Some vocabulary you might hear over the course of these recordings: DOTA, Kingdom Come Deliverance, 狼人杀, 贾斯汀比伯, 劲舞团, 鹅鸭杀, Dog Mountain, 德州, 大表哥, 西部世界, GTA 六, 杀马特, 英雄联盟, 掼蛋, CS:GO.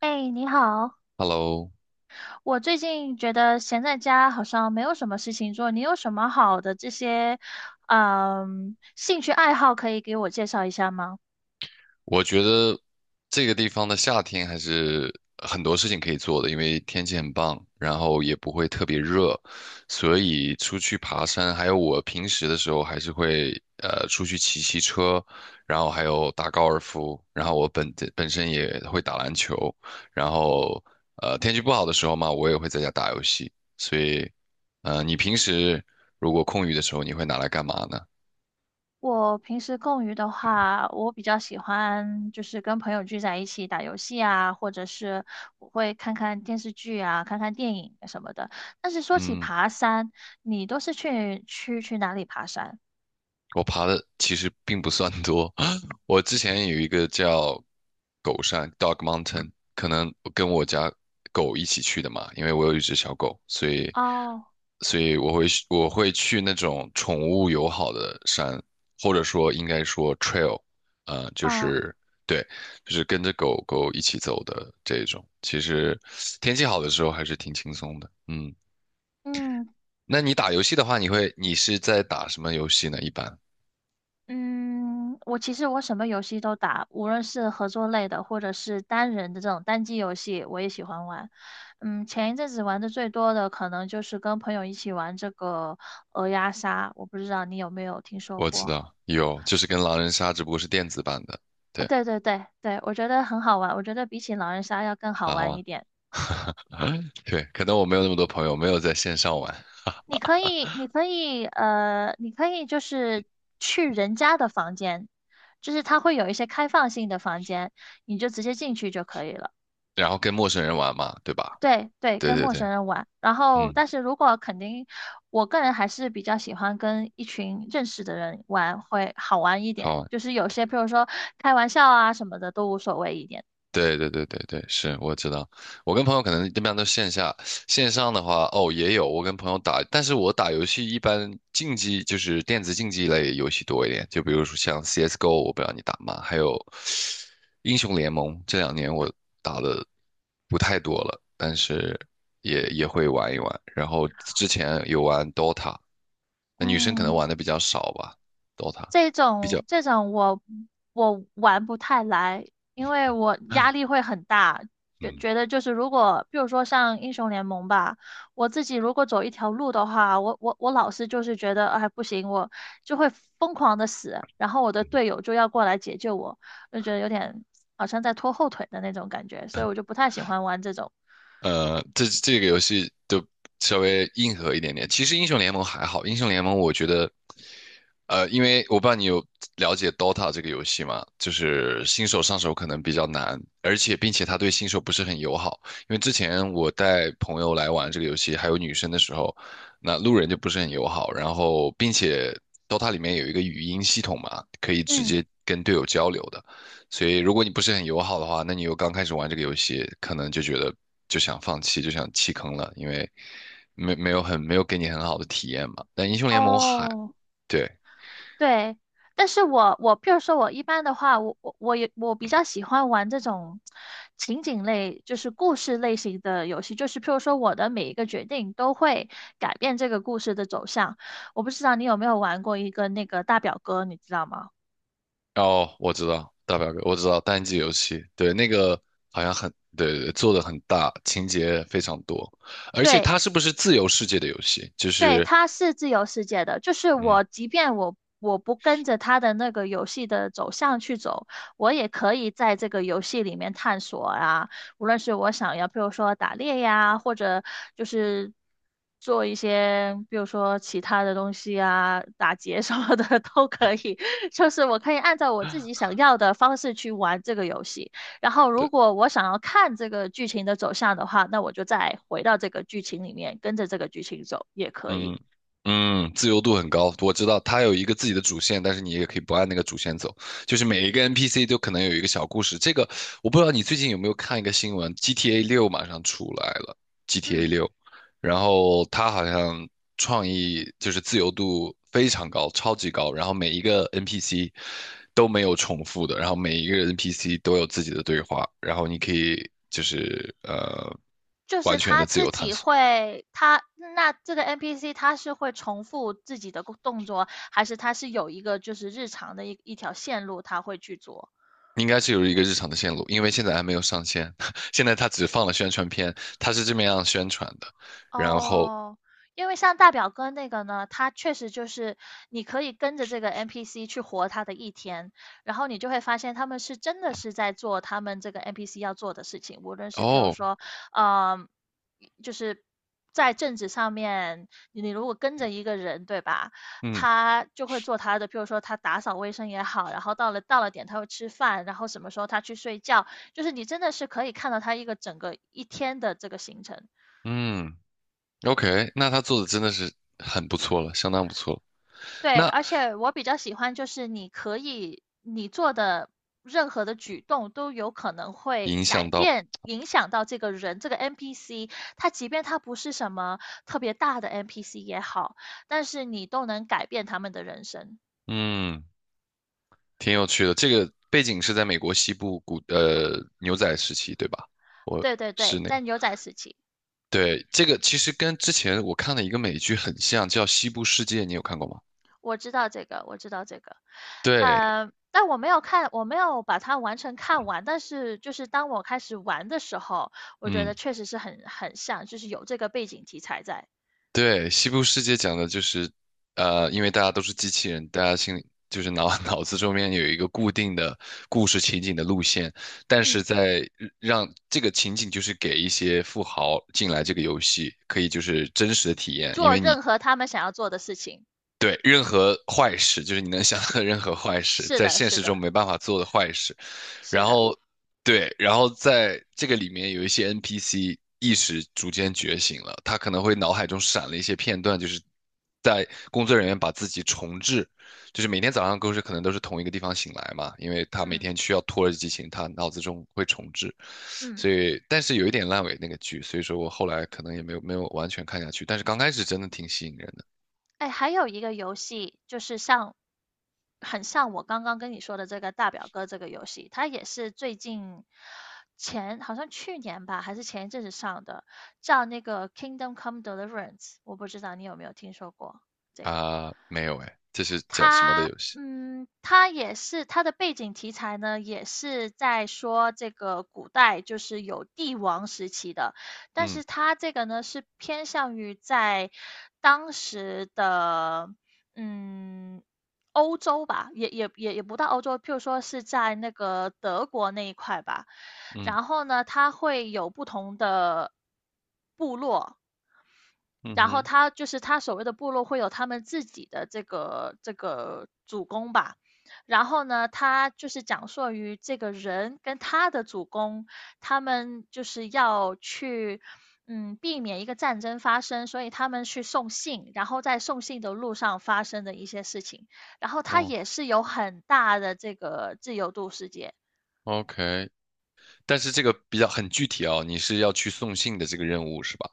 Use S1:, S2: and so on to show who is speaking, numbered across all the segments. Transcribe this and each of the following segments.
S1: 哎，你好，
S2: Hello，
S1: 我最近觉得闲在家好像没有什么事情做，你有什么好的这些，兴趣爱好可以给我介绍一下吗？
S2: 我觉得这个地方的夏天还是很多事情可以做的，因为天气很棒，然后也不会特别热，所以出去爬山，还有我平时的时候还是会出去骑骑车，然后还有打高尔夫，然后我本身也会打篮球，然后天气不好的时候嘛，我也会在家打游戏，所以你平时如果空余的时候，你会拿来干嘛呢？
S1: 我平时空余的话，我比较喜欢就是跟朋友聚在一起打游戏啊，或者是我会看看电视剧啊，看看电影什么的。但是说起
S2: 嗯。
S1: 爬山，你都是去哪里爬山？
S2: 我爬的其实并不算多。我之前有一个叫狗山 （Dog Mountain），可能跟我家狗一起去的嘛，因为我有一只小狗，所以
S1: 哦
S2: 所以我会去那种宠物友好的山，或者说应该说 trail，就
S1: 哦，
S2: 是对，就是跟着狗狗一起走的这种。其实天气好的时候还是挺轻松的。嗯，
S1: 嗯，
S2: 那你打游戏的话，你是在打什么游戏呢？一般？
S1: 嗯，我其实什么游戏都打，无论是合作类的，或者是单人的这种单机游戏，我也喜欢玩。前一阵子玩的最多的可能就是跟朋友一起玩这个鹅鸭杀，我不知道你有没有听说
S2: 我知
S1: 过？
S2: 道有，就是跟狼人杀，只不过是电子版的。对，
S1: 对对对对，我觉得很好玩，我觉得比起狼人杀要更好
S2: 好
S1: 玩一
S2: 啊，
S1: 点。
S2: 对，可能我没有那么多朋友，没有在线上玩，
S1: 你可以就是去人家的房间，就是它会有一些开放性的房间，你就直接进去就可以了。
S2: 然后跟陌生人玩嘛，对吧？
S1: 对对，
S2: 对
S1: 跟
S2: 对
S1: 陌
S2: 对，
S1: 生人玩。然后，
S2: 嗯，
S1: 但是如果肯定，我个人还是比较喜欢跟一群认识的人玩，会好玩一点。
S2: 好啊。
S1: 就是有些，譬如说开玩笑啊什么的，都无所谓一点。
S2: 对对对对对，是我知道。我跟朋友可能一般都线下，线上的话，哦，也有我跟朋友打，但是我打游戏一般竞技就是电子竞技类游戏多一点，就比如说像 CS:GO，我不知道你打吗？还有英雄联盟，这两年我打的不太多了，但是也会玩一玩。然后之前有玩 DOTA，那女生可能
S1: 嗯，
S2: 玩的比较少吧，DOTA
S1: 这
S2: 比较，
S1: 种这种我玩不太来，因为我压力 会很大，觉
S2: 嗯。
S1: 觉得就是如果比如说像英雄联盟吧，我自己如果走一条路的话，我老是就是觉得哎不行，我就会疯狂的死，然后我的
S2: 嗯
S1: 队友就要过来解救我，就觉得有点好像在拖后腿的那种感觉，所以我就不太喜欢玩这种。
S2: 这个游戏就稍微硬核一点点。其实英雄联盟还好，英雄联盟我觉得。因为我不知道你有了解 Dota 这个游戏吗？就是新手上手可能比较难，而且并且它对新手不是很友好。因为之前我带朋友来玩这个游戏，还有女生的时候，那路人就不是很友好。然后，并且 Dota 里面有一个语音系统嘛，可以直
S1: 嗯，
S2: 接跟队友交流的。所以，如果你不是很友好的话，那你又刚开始玩这个游戏，可能就觉得就想放弃，就想弃坑了，因为没有很没有给你很好的体验嘛。但英雄联盟还
S1: 哦，
S2: 对。
S1: 对，但是我譬如说，我一般的话，我比较喜欢玩这种情景类，就是故事类型的游戏。就是譬如说，我的每一个决定都会改变这个故事的走向。我不知道你有没有玩过一个那个大表哥，你知道吗？
S2: 哦，我知道大表哥，我知道单机游戏，对，那个好像很，对对对，做的很大，情节非常多，而且
S1: 对，
S2: 它是不是自由世界的游戏？就
S1: 对，
S2: 是，
S1: 它是自由世界的，就是
S2: 嗯，
S1: 我，即便我不跟着它的那个游戏的走向去走，我也可以在这个游戏里面探索啊。无论是我想要，比如说打猎呀，或者就是做一些，比如说其他的东西啊，打劫 什么的 都可以。就是我可以按照我自己想要的方式去玩这个游戏。然后，如果我想要看这个剧情的走向的话，那我就再回到这个剧情里面，跟着这个剧情走也可以。
S2: 嗯嗯，自由度很高，我知道它有一个自己的主线，但是你也可以不按那个主线走，就是每一个 NPC 都可能有一个小故事。这个我不知道你最近有没有看一个新闻，GTA 六马上出来了，GTA
S1: 嗯，
S2: 六，然后它好像创意就是自由度非常高，超级高，然后每一个 NPC 都没有重复的，然后每一个 NPC 都有自己的对话，然后你可以就是
S1: 就是
S2: 完全的
S1: 他
S2: 自
S1: 自
S2: 由探
S1: 己
S2: 索。
S1: 会，他那这个 NPC 他是会重复自己的动作，还是他是有一个就是日常的一条线路他会去做？
S2: 应该是有一个日常的线路，因为现在还没有上线，现在它只放了宣传片，它是这么样宣传的。然后，
S1: 哦，因为像大表哥那个呢，他确实就是你可以跟着这个 NPC 去活他的一天，然后你就会发现他们是真的是在做他们这个 NPC 要做的事情，无论是譬如
S2: 哦，
S1: 说，嗯、就是在政治上面，你如果跟着一个人，对吧？
S2: 嗯
S1: 他就会做他的，譬如说他打扫卫生也好，然后到了点他会吃饭，然后什么时候他去睡觉，就是你真的是可以看到他一个整个一天的这个行程。
S2: 嗯，OK，那他做的真的是很不错了，相当不错了。
S1: 对，
S2: 那
S1: 而且我比较喜欢就是你可以你做的任何的举动都有可能会
S2: 影
S1: 改
S2: 响到，
S1: 变影响到这个人这个 NPC，他即便他不是什么特别大的 NPC 也好，但是你都能改变他们的人生。
S2: 嗯，挺有趣的。这个背景是在美国西部牛仔时期，对吧？我
S1: 对对
S2: 是
S1: 对，
S2: 那个，
S1: 在牛仔时期，
S2: 对，这个其实跟之前我看的一个美剧很像，叫《西部世界》，你有看过吗？
S1: 我知道这个，我知道这个，
S2: 对，
S1: 但我没有看，我没有把它完全看完，但是就是当我开始玩的时候，我觉
S2: 嗯。
S1: 得确实是很像，就是有这个背景题材在，
S2: 对，西部世界讲的就是，因为大家都是机器人，大家心里就是脑子中间有一个固定的故事情景的路线，但
S1: 嗯。
S2: 是在让这个情景就是给一些富豪进来这个游戏，可以就是真实的体验，因
S1: 做
S2: 为你
S1: 任何他们想要做的事情。
S2: 对任何坏事，就是你能想到的任何坏事，
S1: 是
S2: 在
S1: 的，
S2: 现
S1: 是
S2: 实中
S1: 的，
S2: 没办法做的坏事。
S1: 是
S2: 然
S1: 的，
S2: 后对，然后在这个里面有一些 NPC 意识逐渐觉醒了，他可能会脑海中闪了一些片段，就是在工作人员把自己重置，就是每天早上都是可能都是同一个地方醒来嘛，因为他每
S1: 嗯
S2: 天需要拖着剧情，他脑子中会重置，
S1: 嗯，
S2: 所以但是有一点烂尾那个剧，所以说我后来可能也没有完全看下去，但是刚开始真的挺吸引人的。
S1: 哎，还有一个游戏就是像，很像我刚刚跟你说的这个大表哥这个游戏，它也是最近前好像去年吧，还是前一阵子上的，叫那个《Kingdom Come Deliverance》，我不知道你有没有听说过这个。
S2: 啊，没有哎，这是讲什么的游戏？
S1: 他也是他的背景题材呢，也是在说这个古代就是有帝王时期的，但
S2: 嗯
S1: 是他这个呢是偏向于在当时的嗯欧洲吧，也不到欧洲，譬如说是在那个德国那一块吧。
S2: 嗯
S1: 然后呢，它会有不同的部落，
S2: 嗯
S1: 然后
S2: 哼，
S1: 他就是他所谓的部落会有他们自己的这个主公吧，然后呢，他就是讲述于这个人跟他的主公，他们就是要去。避免一个战争发生，所以他们去送信，然后在送信的路上发生的一些事情，然后他
S2: 哦
S1: 也是有很大的这个自由度世界，
S2: ，OK。但是这个比较很具体哦，你是要去送信的这个任务是吧？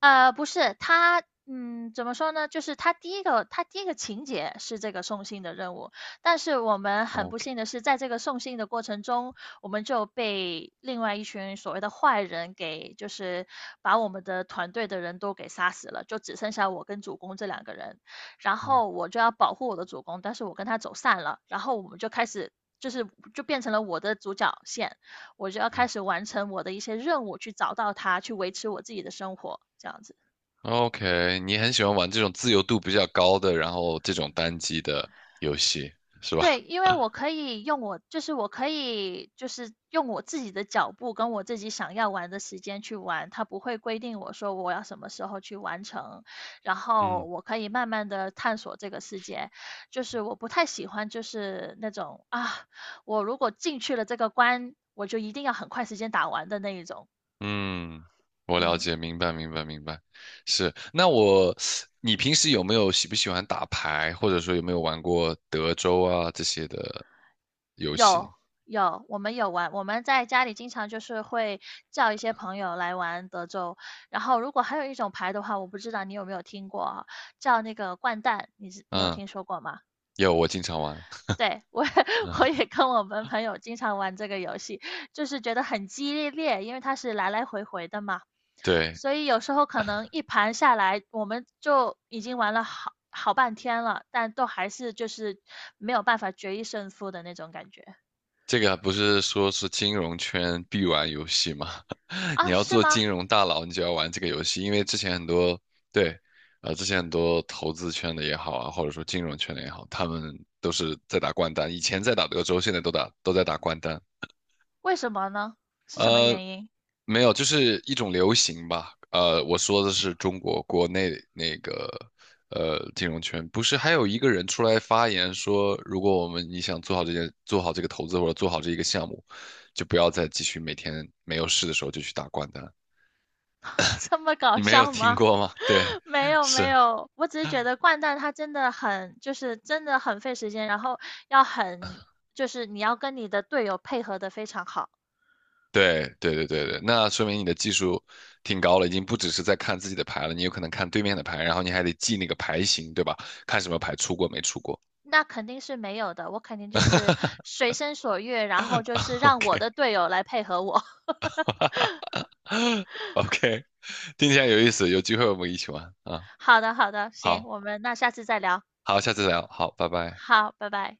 S1: 不是，怎么说呢？就是他第一个情节是这个送信的任务，但是我们很
S2: 哦
S1: 不
S2: ？OK，
S1: 幸的是，在这个送信的过程中，我们就被另外一群所谓的坏人给，就是把我们的团队的人都给杀死了，就只剩下我跟主公这两个人。然
S2: 嗯
S1: 后我就要保护我的主公，但是我跟他走散了，然后我们就开始，就是就变成了我的主角线。我就要开
S2: 嗯
S1: 始完成我的一些任务，去找到它，去维持我自己的生活，这样子。
S2: ，OK，你很喜欢玩这种自由度比较高的，然后这种单机的游戏是吧？
S1: 对，因为我可以用我，就是我可以，就是用我自己的脚步跟我自己想要玩的时间去玩，它不会规定我说我要什么时候去完成，然 后
S2: 嗯
S1: 我可以慢慢的探索这个世界。就是我不太喜欢，就是那种啊，我如果进去了这个关，我就一定要很快时间打完的那一种。
S2: 嗯，我了解，
S1: 嗯，
S2: 明白明白明白，是。你平时有没有喜不喜欢打牌，或者说有没有玩过德州啊这些的游戏？
S1: 有有，我们有玩，我们在家里经常就是会叫一些朋友来玩德州，然后如果还有一种牌的话，我不知道你有没有听过啊，叫那个掼蛋，你有
S2: 嗯，
S1: 听说过吗？
S2: 有，我经常玩。
S1: 对，我也
S2: 嗯，
S1: 我也跟我们朋友经常玩这个游戏，就是觉得很激烈，因为它是来来回回的嘛，
S2: 对，
S1: 所以有时候可能一盘下来，我们就已经玩了好半天了，但都还是就是没有办法决一胜负的那种感觉
S2: 这个不是说是金融圈必玩游戏吗？你
S1: 啊，
S2: 要
S1: 是
S2: 做
S1: 吗？
S2: 金融大佬，你就要玩这个游戏，因为之前很多，对，啊，之前很多投资圈的也好啊，或者说金融圈的也好，他们都是在打掼蛋，以前在打德州，现在都打都在打掼蛋。
S1: 为什么呢？是什么
S2: 呃，
S1: 原因？
S2: 没有，就是一种流行吧。我说的是中国国内那个金融圈，不是还有一个人出来发言说，如果我们你想做好这件，做好这个投资或者做好这一个项目，就不要再继续每天没有事的时候就去打掼蛋。
S1: 这么搞
S2: 你没有
S1: 笑
S2: 听
S1: 吗？
S2: 过吗？对，
S1: 没 有没
S2: 是，
S1: 有，我只是觉得掼蛋它真的很，就是真的很费时间，然后要很，就是你要跟你的队友配合的非常好。
S2: 对，对对对对，那说明你的技术挺高了，已经不只是在看自己的牌了，你有可能看对面的牌，然后你还得记那个牌型，对吧？看什么牌出过没出过。
S1: 那肯定是没有的，我肯定就是随心所欲，然后就是 让我
S2: OK。
S1: 的队友来配合我。
S2: OK，听起来有意思，有机会我们一起玩啊。
S1: 好的好的，行，
S2: 好，
S1: 我们那下次再聊。
S2: 好，下次聊，好，拜拜。
S1: 好，拜拜。